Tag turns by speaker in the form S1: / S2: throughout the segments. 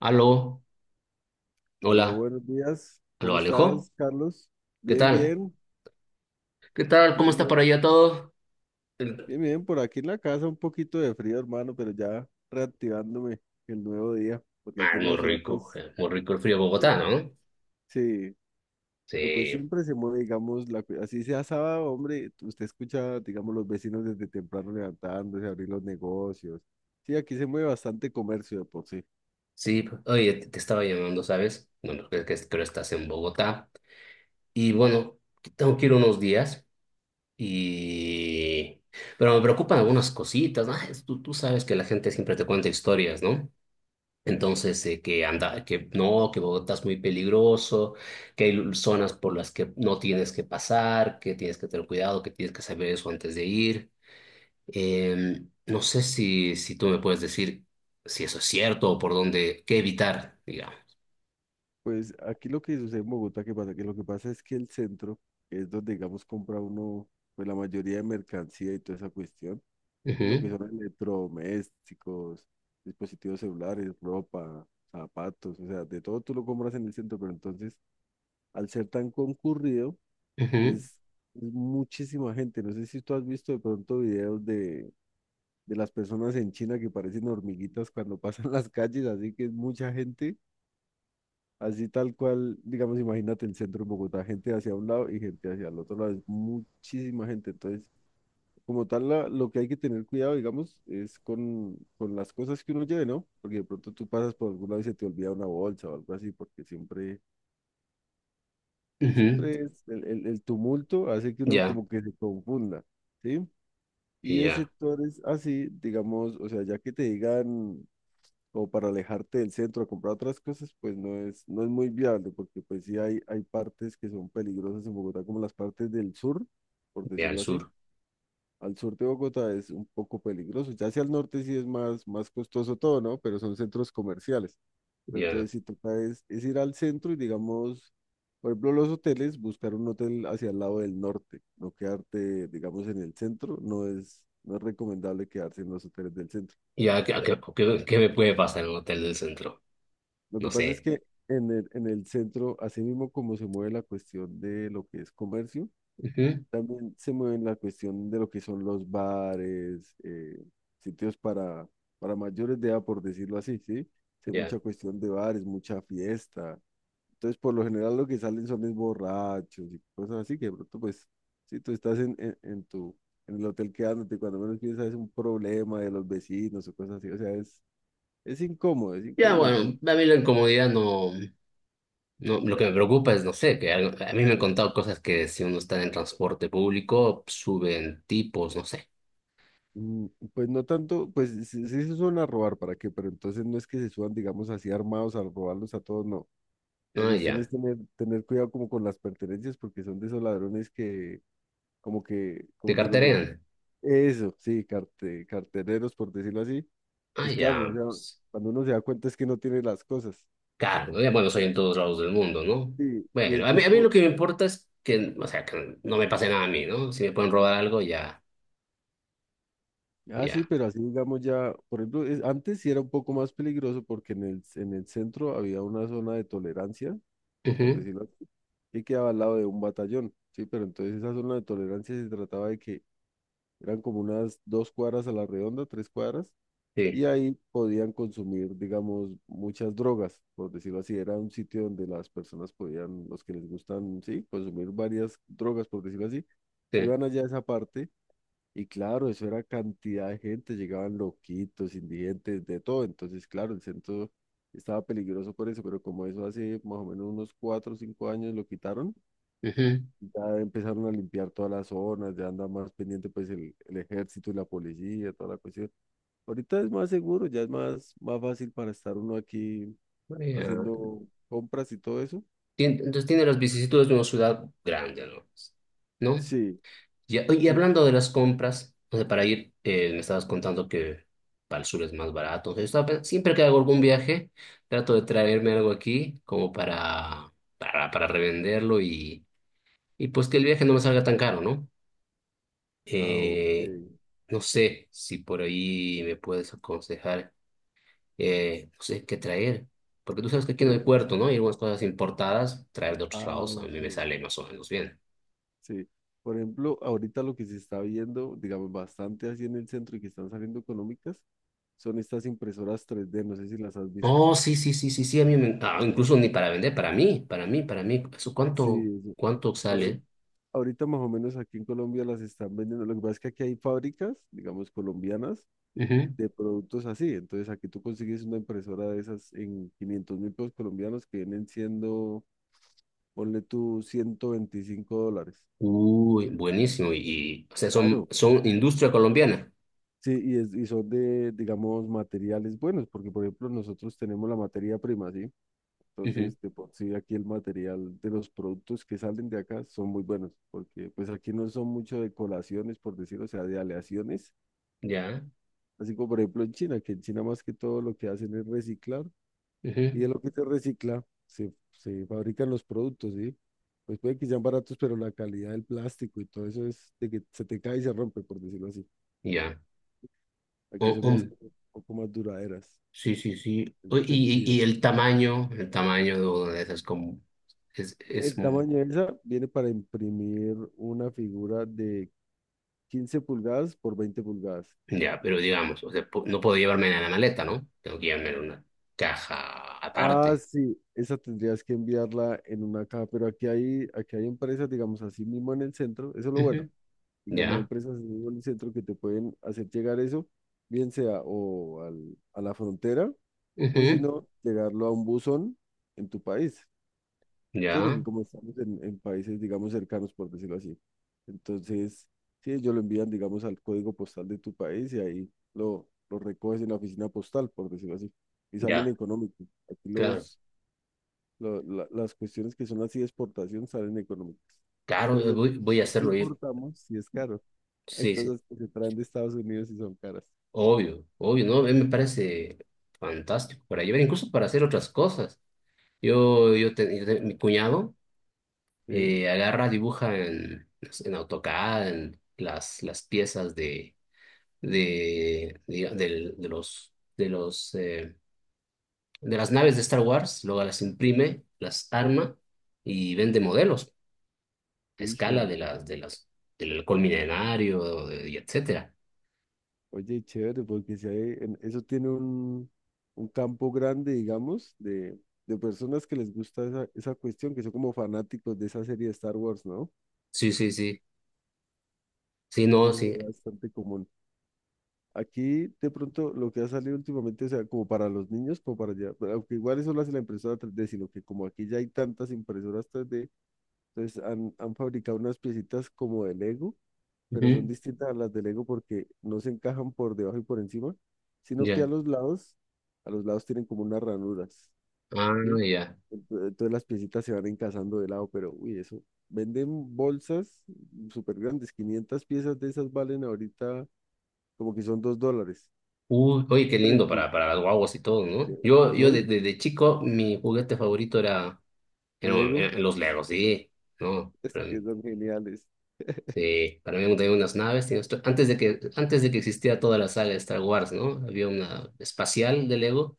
S1: Aló,
S2: Aló,
S1: hola,
S2: buenos días.
S1: aló
S2: ¿Cómo
S1: Alejo,
S2: estás, Carlos?
S1: ¿qué
S2: Bien,
S1: tal?
S2: bien,
S1: ¿Qué tal?
S2: bien,
S1: ¿Cómo está por
S2: bien,
S1: allá todo? El-
S2: bien, bien. Por aquí en la casa un poquito de frío, hermano, pero ya reactivándome el nuevo día, porque
S1: Ah,
S2: aquí en la ciudad, pues,
S1: muy rico el frío de
S2: eh,
S1: Bogotá, ¿no?
S2: sí, pero pues
S1: Sí,
S2: siempre se mueve, digamos, así sea sábado, hombre, usted escucha, digamos, los vecinos desde temprano levantándose, abrir los negocios. Sí, aquí se mueve bastante comercio de por sí.
S1: sí, oye, te estaba llamando, ¿sabes? Bueno, creo que estás en Bogotá. Y bueno, tengo que ir unos días y... Pero me preocupan algunas cositas, ¿no? Tú sabes que la gente siempre te cuenta historias, ¿no? Entonces, que anda, que no, que Bogotá es muy peligroso, que hay zonas por las que no tienes que pasar, que tienes que tener cuidado, que tienes que saber eso antes de ir. No sé si tú me puedes decir si eso es cierto o por dónde, qué evitar, digamos.
S2: Pues aquí lo que sucede en Bogotá, ¿que pasa? Que lo que pasa es que el centro es donde, digamos, compra uno, pues la mayoría de mercancía y toda esa cuestión. Y lo
S1: Ujú,
S2: que son electrodomésticos, dispositivos celulares, ropa, zapatos, o sea, de todo tú lo compras en el centro, pero entonces, al ser tan concurrido, es, es muchísima gente. No sé si tú has visto de pronto videos de las personas en China que parecen hormiguitas cuando pasan las calles, así que es mucha gente. Así tal cual, digamos, imagínate el centro de Bogotá, gente hacia un lado y gente hacia el otro lado, es muchísima gente. Entonces, como tal, lo que hay que tener cuidado, digamos, es con las cosas que uno lleve, ¿no? Porque de pronto tú pasas por algún lado y se te olvida una bolsa o algo así, porque siempre,
S1: ujú, ujú.
S2: siempre es el tumulto hace que uno
S1: Ya,
S2: como que se confunda, ¿sí? Y
S1: y
S2: de
S1: ya,
S2: sectores así, digamos, o sea, ya que te digan o para alejarte del centro a comprar otras cosas, pues no es muy viable, porque pues sí hay partes que son peligrosas en Bogotá, como las partes del sur, por
S1: ya al
S2: decirlo así.
S1: sur,
S2: Al sur de Bogotá es un poco peligroso, ya hacia el norte sí es más costoso todo, ¿no? Pero son centros comerciales. Pero
S1: ya,
S2: entonces si toca es ir al centro y digamos, por ejemplo, los hoteles, buscar un hotel hacia el lado del norte, no quedarte, digamos, en el centro, no es recomendable quedarse en los hoteles del centro.
S1: ya, ¿qué, qué me puede pasar en un hotel del centro?
S2: Lo
S1: No
S2: que pasa es
S1: sé.
S2: que en el centro, así mismo como se mueve la cuestión de lo que es comercio,
S1: Ujú,
S2: también se mueve la cuestión de lo que son los bares, sitios para mayores de edad, por decirlo así, ¿sí? Sí, hay
S1: ya,
S2: mucha cuestión de bares, mucha fiesta. Entonces, por lo general, lo que salen son es borrachos y cosas así, que de pronto, pues, si tú estás en en el hotel quedándote, cuando menos piensas es un problema de los vecinos o cosas así, o sea, es
S1: ya,
S2: incómodo y
S1: bueno,
S2: también.
S1: a mí la incomodidad no. No, lo que me preocupa es, no sé, que a mí me han contado cosas que si uno está en transporte público, suben tipos, no sé.
S2: Mm. Pues no tanto, pues sí, sí se suelen a robar, ¿para qué? Pero entonces no es que se suban, digamos, así armados a robarlos a todos, no. La
S1: Ah,
S2: cuestión es
S1: ya.
S2: tener cuidado como con las pertenencias, porque son de esos ladrones que,
S1: Te
S2: como te digo yo,
S1: carterean.
S2: eso, sí, cartereros, por decirlo así.
S1: Ah,
S2: Entonces, claro, o
S1: ya,
S2: sea,
S1: pues.
S2: cuando uno se da cuenta es que no tiene las cosas.
S1: Claro, ya, bueno, soy en todos lados del mundo, ¿no?
S2: Sí, y
S1: Bueno,
S2: es,
S1: a mí,
S2: es
S1: a mí lo
S2: por.
S1: que me importa es que, o sea, que no me pase nada a mí, ¿no? Si me pueden robar algo, ya,
S2: Ah,
S1: ya.
S2: sí, pero así digamos ya, por ejemplo, es- antes sí era un poco más peligroso porque en el centro había una zona de tolerancia por
S1: Ujú,
S2: decirlo así, que quedaba al lado de un batallón, ¿sí? Pero entonces esa zona de tolerancia se trataba de que eran como unas 2 cuadras a la redonda, 3 cuadras,
S1: sí,
S2: y ahí podían consumir, digamos, muchas drogas, por decirlo así. Era un sitio donde las personas podían, los que les gustan, sí, consumir varias drogas, por decirlo así,
S1: sí.
S2: iban allá a esa parte y claro, eso era cantidad de gente, llegaban loquitos, indigentes, de todo. Entonces, claro, el centro estaba peligroso por eso, pero como eso hace más o menos unos 4 o 5 años lo quitaron,
S1: Ujú,
S2: ya empezaron a limpiar todas las zonas, ya anda más pendiente pues el ejército y la policía, toda la cuestión. Ahorita es más seguro, ya es más, más fácil para estar uno aquí
S1: ah, ya.
S2: haciendo compras y todo eso.
S1: Entonces tiene las vicisitudes de una ciudad grande, ¿no? ¿No?
S2: Sí,
S1: Ya, oye, y
S2: sí.
S1: hablando de las compras, o sea, para ir, me estabas contando que para el sur es más barato. O sea, yo estaba siempre que hago algún viaje, trato de traerme algo aquí como para revenderlo y pues que el viaje no me salga tan caro, ¿no?
S2: Ah, ok.
S1: Eh, no sé si por ahí me puedes aconsejar, no sé qué traer. Porque tú sabes que aquí
S2: Por
S1: no hay
S2: ej-
S1: puerto, ¿no? Hay algunas cosas importadas, traer de otros
S2: ah,
S1: lados, a mí
S2: ok.
S1: me sale más o menos bien.
S2: Sí. Por ejemplo, ahorita lo que se está viendo, digamos, bastante así en el centro y que están saliendo económicas, son estas impresoras tres d, no sé si las has visto.
S1: Oh, sí, sí, sí, sí, sí, a mí me encanta. Incluso ni para vender, para mí, para mí, para mí. ¿Eso
S2: Sí,
S1: cuánto,
S2: eso.
S1: cuánto
S2: ahori-
S1: sale?
S2: Ahorita, más o menos aquí en Colombia las están vendiendo. Lo que pasa es que aquí hay fábricas, digamos, colombianas
S1: Ujú.
S2: de productos así. Entonces aquí tú consigues una impresora de esas en 500.000 pesos colombianos que vienen siendo, ponle tú, $125.
S1: Uy, buenísimo. Y, o sea, son,
S2: Claro,
S1: son industria colombiana.
S2: sí, y, es- y son de, digamos, materiales buenos, porque por ejemplo nosotros tenemos la materia prima, ¿sí?
S1: Ujú.
S2: Entonces, de por sí aquí el material de los productos que salen de acá son muy buenos, porque pues aquí no son mucho de colaciones, por decirlo o sea, de aleaciones,
S1: Ya,
S2: así como por ejemplo en China, que en China más que todo lo que hacen es reciclar, y de
S1: ujú,
S2: lo que se recicla se, se fabrican los productos, ¿sí? Pues puede que sean baratos, pero la calidad del plástico y todo eso es de que se te cae y se rompe, por decirlo así.
S1: ya.
S2: Aquí
S1: Oh,
S2: son
S1: oh,
S2: las cosas un poco más duraderas
S1: sí, sí, sí.
S2: en
S1: Oh,
S2: ese
S1: y
S2: sentido.
S1: el tamaño de una de esas como es
S2: El tamaño de esa viene para imprimir una figura de 15 pulgadas por 20 pulgadas.
S1: ya, pero digamos, o sea, no puedo llevarme en la maleta, ¿no? Tengo que llevarme en una caja
S2: Ah,
S1: aparte.
S2: sí, esa tendrías que enviarla en una caja, pero aquí hay empresas, digamos, así mismo en el centro, eso es lo bueno,
S1: Ujú.
S2: digamos, hay
S1: Ya,
S2: empresas así mismo en el centro que te pueden hacer llegar eso, bien sea o al- a la frontera, o si
S1: ujú,
S2: no, llegarlo a un buzón en tu país. Sí,
S1: ya,
S2: porque como estamos en países, digamos, cercanos, por decirlo así. Entonces, sí, ellos lo envían, digamos, al código postal de tu país y ahí lo, recoges en la oficina postal, por decirlo así. Y salen
S1: ya,
S2: económicos. Aquí
S1: claro.
S2: los, las cuestiones que son así de exportación salen económicas.
S1: Claro,
S2: Pero
S1: yo
S2: lo que
S1: voy, voy a
S2: nosotros
S1: hacerlo ir.
S2: importamos sí es caro. Hay
S1: Sí, sí,
S2: cosas que se traen de Estados Unidos y son caras.
S1: obvio, obvio, ¿no? A mí me parece fantástico para llevar, incluso para hacer otras cosas. Mi cuñado
S2: Sí,
S1: agarra, dibuja en AutoCAD, en las piezas de, de los de las naves de Star Wars, luego las imprime, las arma y vende modelos a
S2: uy,
S1: escala de
S2: genial.
S1: las, de las, del halcón milenario, y etcétera.
S2: Oye, chévere, porque si hay, eso tiene un, campo grande, digamos, de personas que les gusta esa cuestión, que son como fanáticos de esa serie de Star Wars, ¿no?
S1: Sí, sí, sí. Sí,
S2: Y
S1: no,
S2: eso
S1: sí.
S2: es bastante común. Aquí, de pronto, lo que ha salido últimamente, o sea, como para los niños, como para allá, aunque igual eso lo hace la impresora 3D, sino que como aquí ya hay tantas impresoras tres d entonces han fabricado unas piecitas como de Lego, pero son
S1: Ujú,
S2: distintas a las de Lego porque no se encajan por debajo y por encima, sino que
S1: ya.
S2: a los lados tienen como unas ranuras,
S1: Ah,
S2: ¿sí?
S1: ya.
S2: Entonces las piecitas se van encajando de lado, pero uy, eso. Venden bolsas súper grandes, 500 piezas de esas valen ahorita como que son $2.
S1: Uy, oye, qué
S2: Hombre,
S1: lindo para las guaguas y todo, ¿no?
S2: no, y
S1: Desde chico, mi juguete favorito era,
S2: el
S1: eran
S2: Lego
S1: eran los Legos, sí, ¿no?
S2: es que son geniales,
S1: Sí, para mí tenía unas naves, tenía antes de que existiera toda la saga de Star Wars, ¿no? Había una espacial de Lego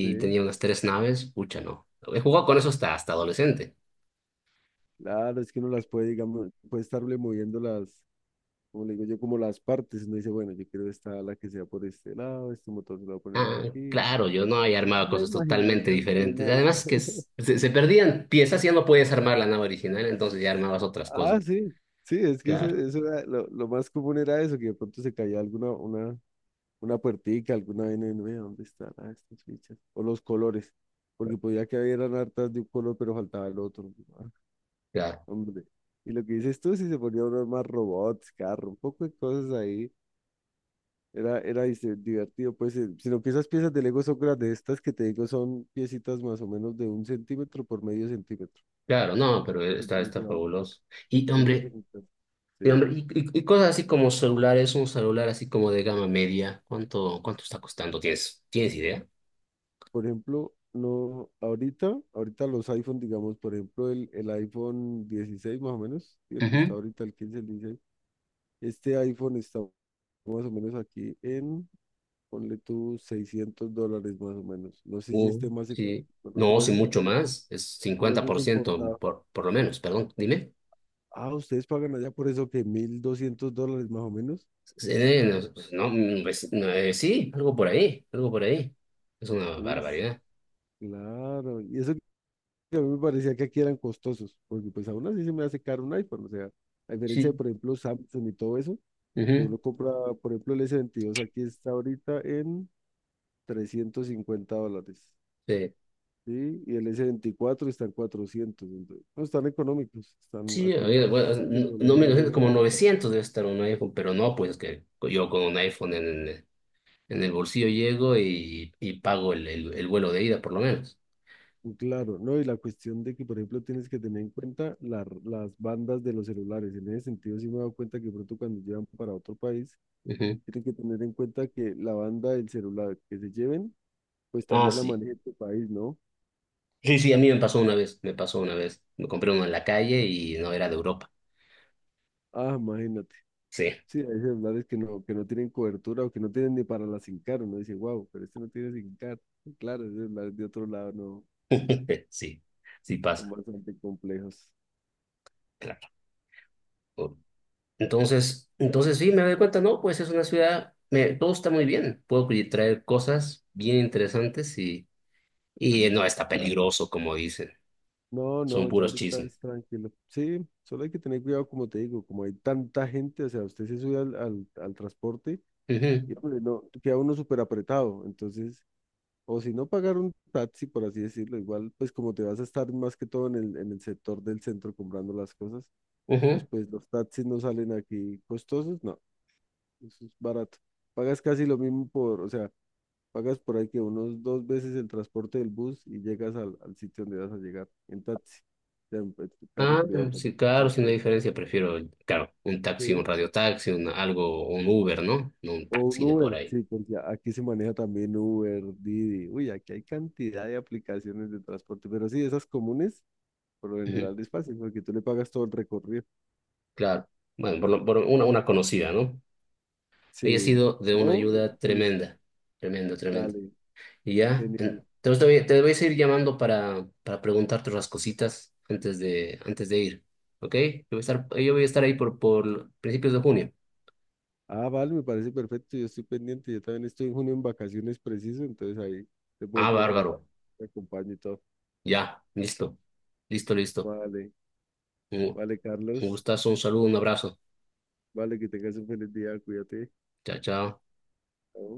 S2: ¿sí?
S1: tenía unas tres naves, pucha, ¿no? He jugado con eso hasta adolescente.
S2: Claro, es que uno las puede, digamos, puede estarle moviendo las, como le digo yo, como las partes, uno dice, bueno, yo quiero esta ala que sea por este lado, este motor se lo voy a poner
S1: Ah,
S2: aquí.
S1: claro, yo no había
S2: Es
S1: armado
S2: una
S1: cosas totalmente
S2: imaginación
S1: diferentes.
S2: tenaz.
S1: Además que s- se, se perdían piezas y ya no podías armar la nave original, entonces ya armabas otras
S2: Ah,
S1: cosas.
S2: sí, sí, es que eso,
S1: Claro,
S2: eso era, lo más común era eso, que de pronto se caía una puertica, alguna vaina, y uno, "Vea, ¿dónde están ah, estas fichas? O los colores, porque podía que hubieran hartas de un color, pero faltaba el otro. Ah,
S1: claro,
S2: hombre. Y lo que dices tú, si se ponía unos más robots, carro, un poco de cosas ahí. Era, era dice, divertido, pues sino que esas piezas de Lego son grandes, estas que te digo son piecitas más o menos de un centímetro por medio centímetro,
S1: claro, no, pero
S2: un
S1: está,
S2: centímetro
S1: está
S2: de alto,
S1: fabuloso. Y
S2: son
S1: hombre,
S2: pequeñitas. Sí.
S1: y cosas así como celulares, un celular así como de gama media, ¿cuánto está costando? ¿Tienes idea?
S2: Por ejemplo, no, ahorita, ahorita los iPhone, digamos, por ejemplo, el iPhone 16 más o menos, y el que está
S1: Ujú.
S2: ahorita, el 15, el 16, este iPhone está más o menos aquí en, ponle tú $600 más o menos, no sé si
S1: Uh,
S2: esté más económico,
S1: sí.
S2: lo que
S1: No, sí,
S2: pasa es que
S1: mucho más. Es
S2: como
S1: cincuenta
S2: eso es
S1: por ciento
S2: importado.
S1: por lo menos, perdón, dime.
S2: Ah, ustedes pagan allá por eso que $1.200 más o menos.
S1: No, pues, no, pues, no, sí, algo por ahí, algo por ahí. Es una
S2: Uy,
S1: barbaridad.
S2: claro. Y eso que a mí me parecía que aquí eran costosos, porque pues aún así se me hace caro un iPhone. O sea, a diferencia de,
S1: Sí.
S2: por ejemplo, Samsung y todo eso, que
S1: Ujú,
S2: uno compra, por ejemplo, el S22 aquí está ahorita en $350.
S1: sí,
S2: Sí, y el S24 está en 400. Entonces, no, están económicos. Están,
S1: sí,
S2: aquí
S1: bueno,
S2: esa
S1: no, me
S2: tecnología
S1: lo
S2: llega
S1: como
S2: barata.
S1: 900 debe estar un iPhone, pero no, pues que yo con un iPhone en el bolsillo llego y pago el vuelo de ida, por lo menos.
S2: Claro, ¿no? Y la cuestión de que, por ejemplo, tienes que tener en cuenta las bandas de los celulares. En ese sentido, sí me he dado cuenta que pronto cuando llevan para otro país,
S1: Ujú.
S2: tienen que tener en cuenta que la banda del celular que se lleven, pues
S1: Ah,
S2: también la
S1: sí.
S2: maneja tu país, ¿no?
S1: Sí, sí, a mí me pasó una vez, me pasó una vez. Me compré uno en la calle y no era de Europa.
S2: Ah, imagínate.
S1: Sí,
S2: Sí, hay celulares que no tienen cobertura o que no tienen ni para la SIM card. Uno dice, wow, pero este no tiene SIM card. Y claro, esos celulares de otro lado no
S1: sí, sí
S2: son
S1: pasa,
S2: bastante complejos.
S1: claro. Entonces sí, me doy cuenta, no, pues es una ciudad, todo está muy bien, puedo traer cosas bien interesantes y no está peligroso, como dicen,
S2: No, no,
S1: son
S2: ya
S1: puros
S2: ahorita
S1: chismes.
S2: es tranquilo. Sí, solo hay que tener cuidado, como te digo, como hay tanta gente, o sea, usted se sube al transporte
S1: Ujú,
S2: y pues, no, queda uno súper apretado. Entonces, o si no pagar un taxi, por así decirlo, igual, pues como te vas a estar más que todo en el sector del centro comprando las cosas, pues,
S1: ujú.
S2: pues los taxis no salen aquí costosos, no, eso es barato. Pagas casi lo mismo por, o sea, pagas por ahí que unos dos veces el transporte del bus y llegas al, al sitio donde vas a llegar, en taxi, o sea, en tu carro
S1: Ah,
S2: privado pues.
S1: sí, claro, sin la
S2: Entonces,
S1: diferencia, prefiero, claro, un taxi, un
S2: sí.
S1: radiotaxi, un, algo, un Uber, ¿no? No un
S2: O un
S1: taxi de por
S2: Uber,
S1: ahí.
S2: sí, porque aquí se maneja también Uber, Didi. Uy, aquí hay cantidad de aplicaciones de transporte, pero sí, esas comunes, por lo
S1: Ujú,
S2: general es fácil, porque tú le pagas todo el recorrido.
S1: claro, bueno, por una conocida, ¿no? Ella ha
S2: Sí,
S1: sido de una
S2: no,
S1: ayuda tremenda, tremendo, tremendo.
S2: dale,
S1: Y ya,
S2: genial.
S1: entonces te voy a seguir llamando para preguntarte otras cositas antes de ir. ¿Ok? Yo voy a estar ahí por principios de junio.
S2: Ah, vale, me parece perfecto, yo estoy pendiente, yo también estoy en junio en vacaciones preciso, entonces ahí te puedo
S1: Ah,
S2: colaborar,
S1: bárbaro.
S2: te acompaño y todo.
S1: Ya, listo. Listo, listo.
S2: Vale,
S1: Un,
S2: vale,
S1: un
S2: Carlos.
S1: gustazo, un saludo, un abrazo.
S2: Vale, que tengas un feliz día. Cuídate.
S1: Chao, chao.
S2: Chao.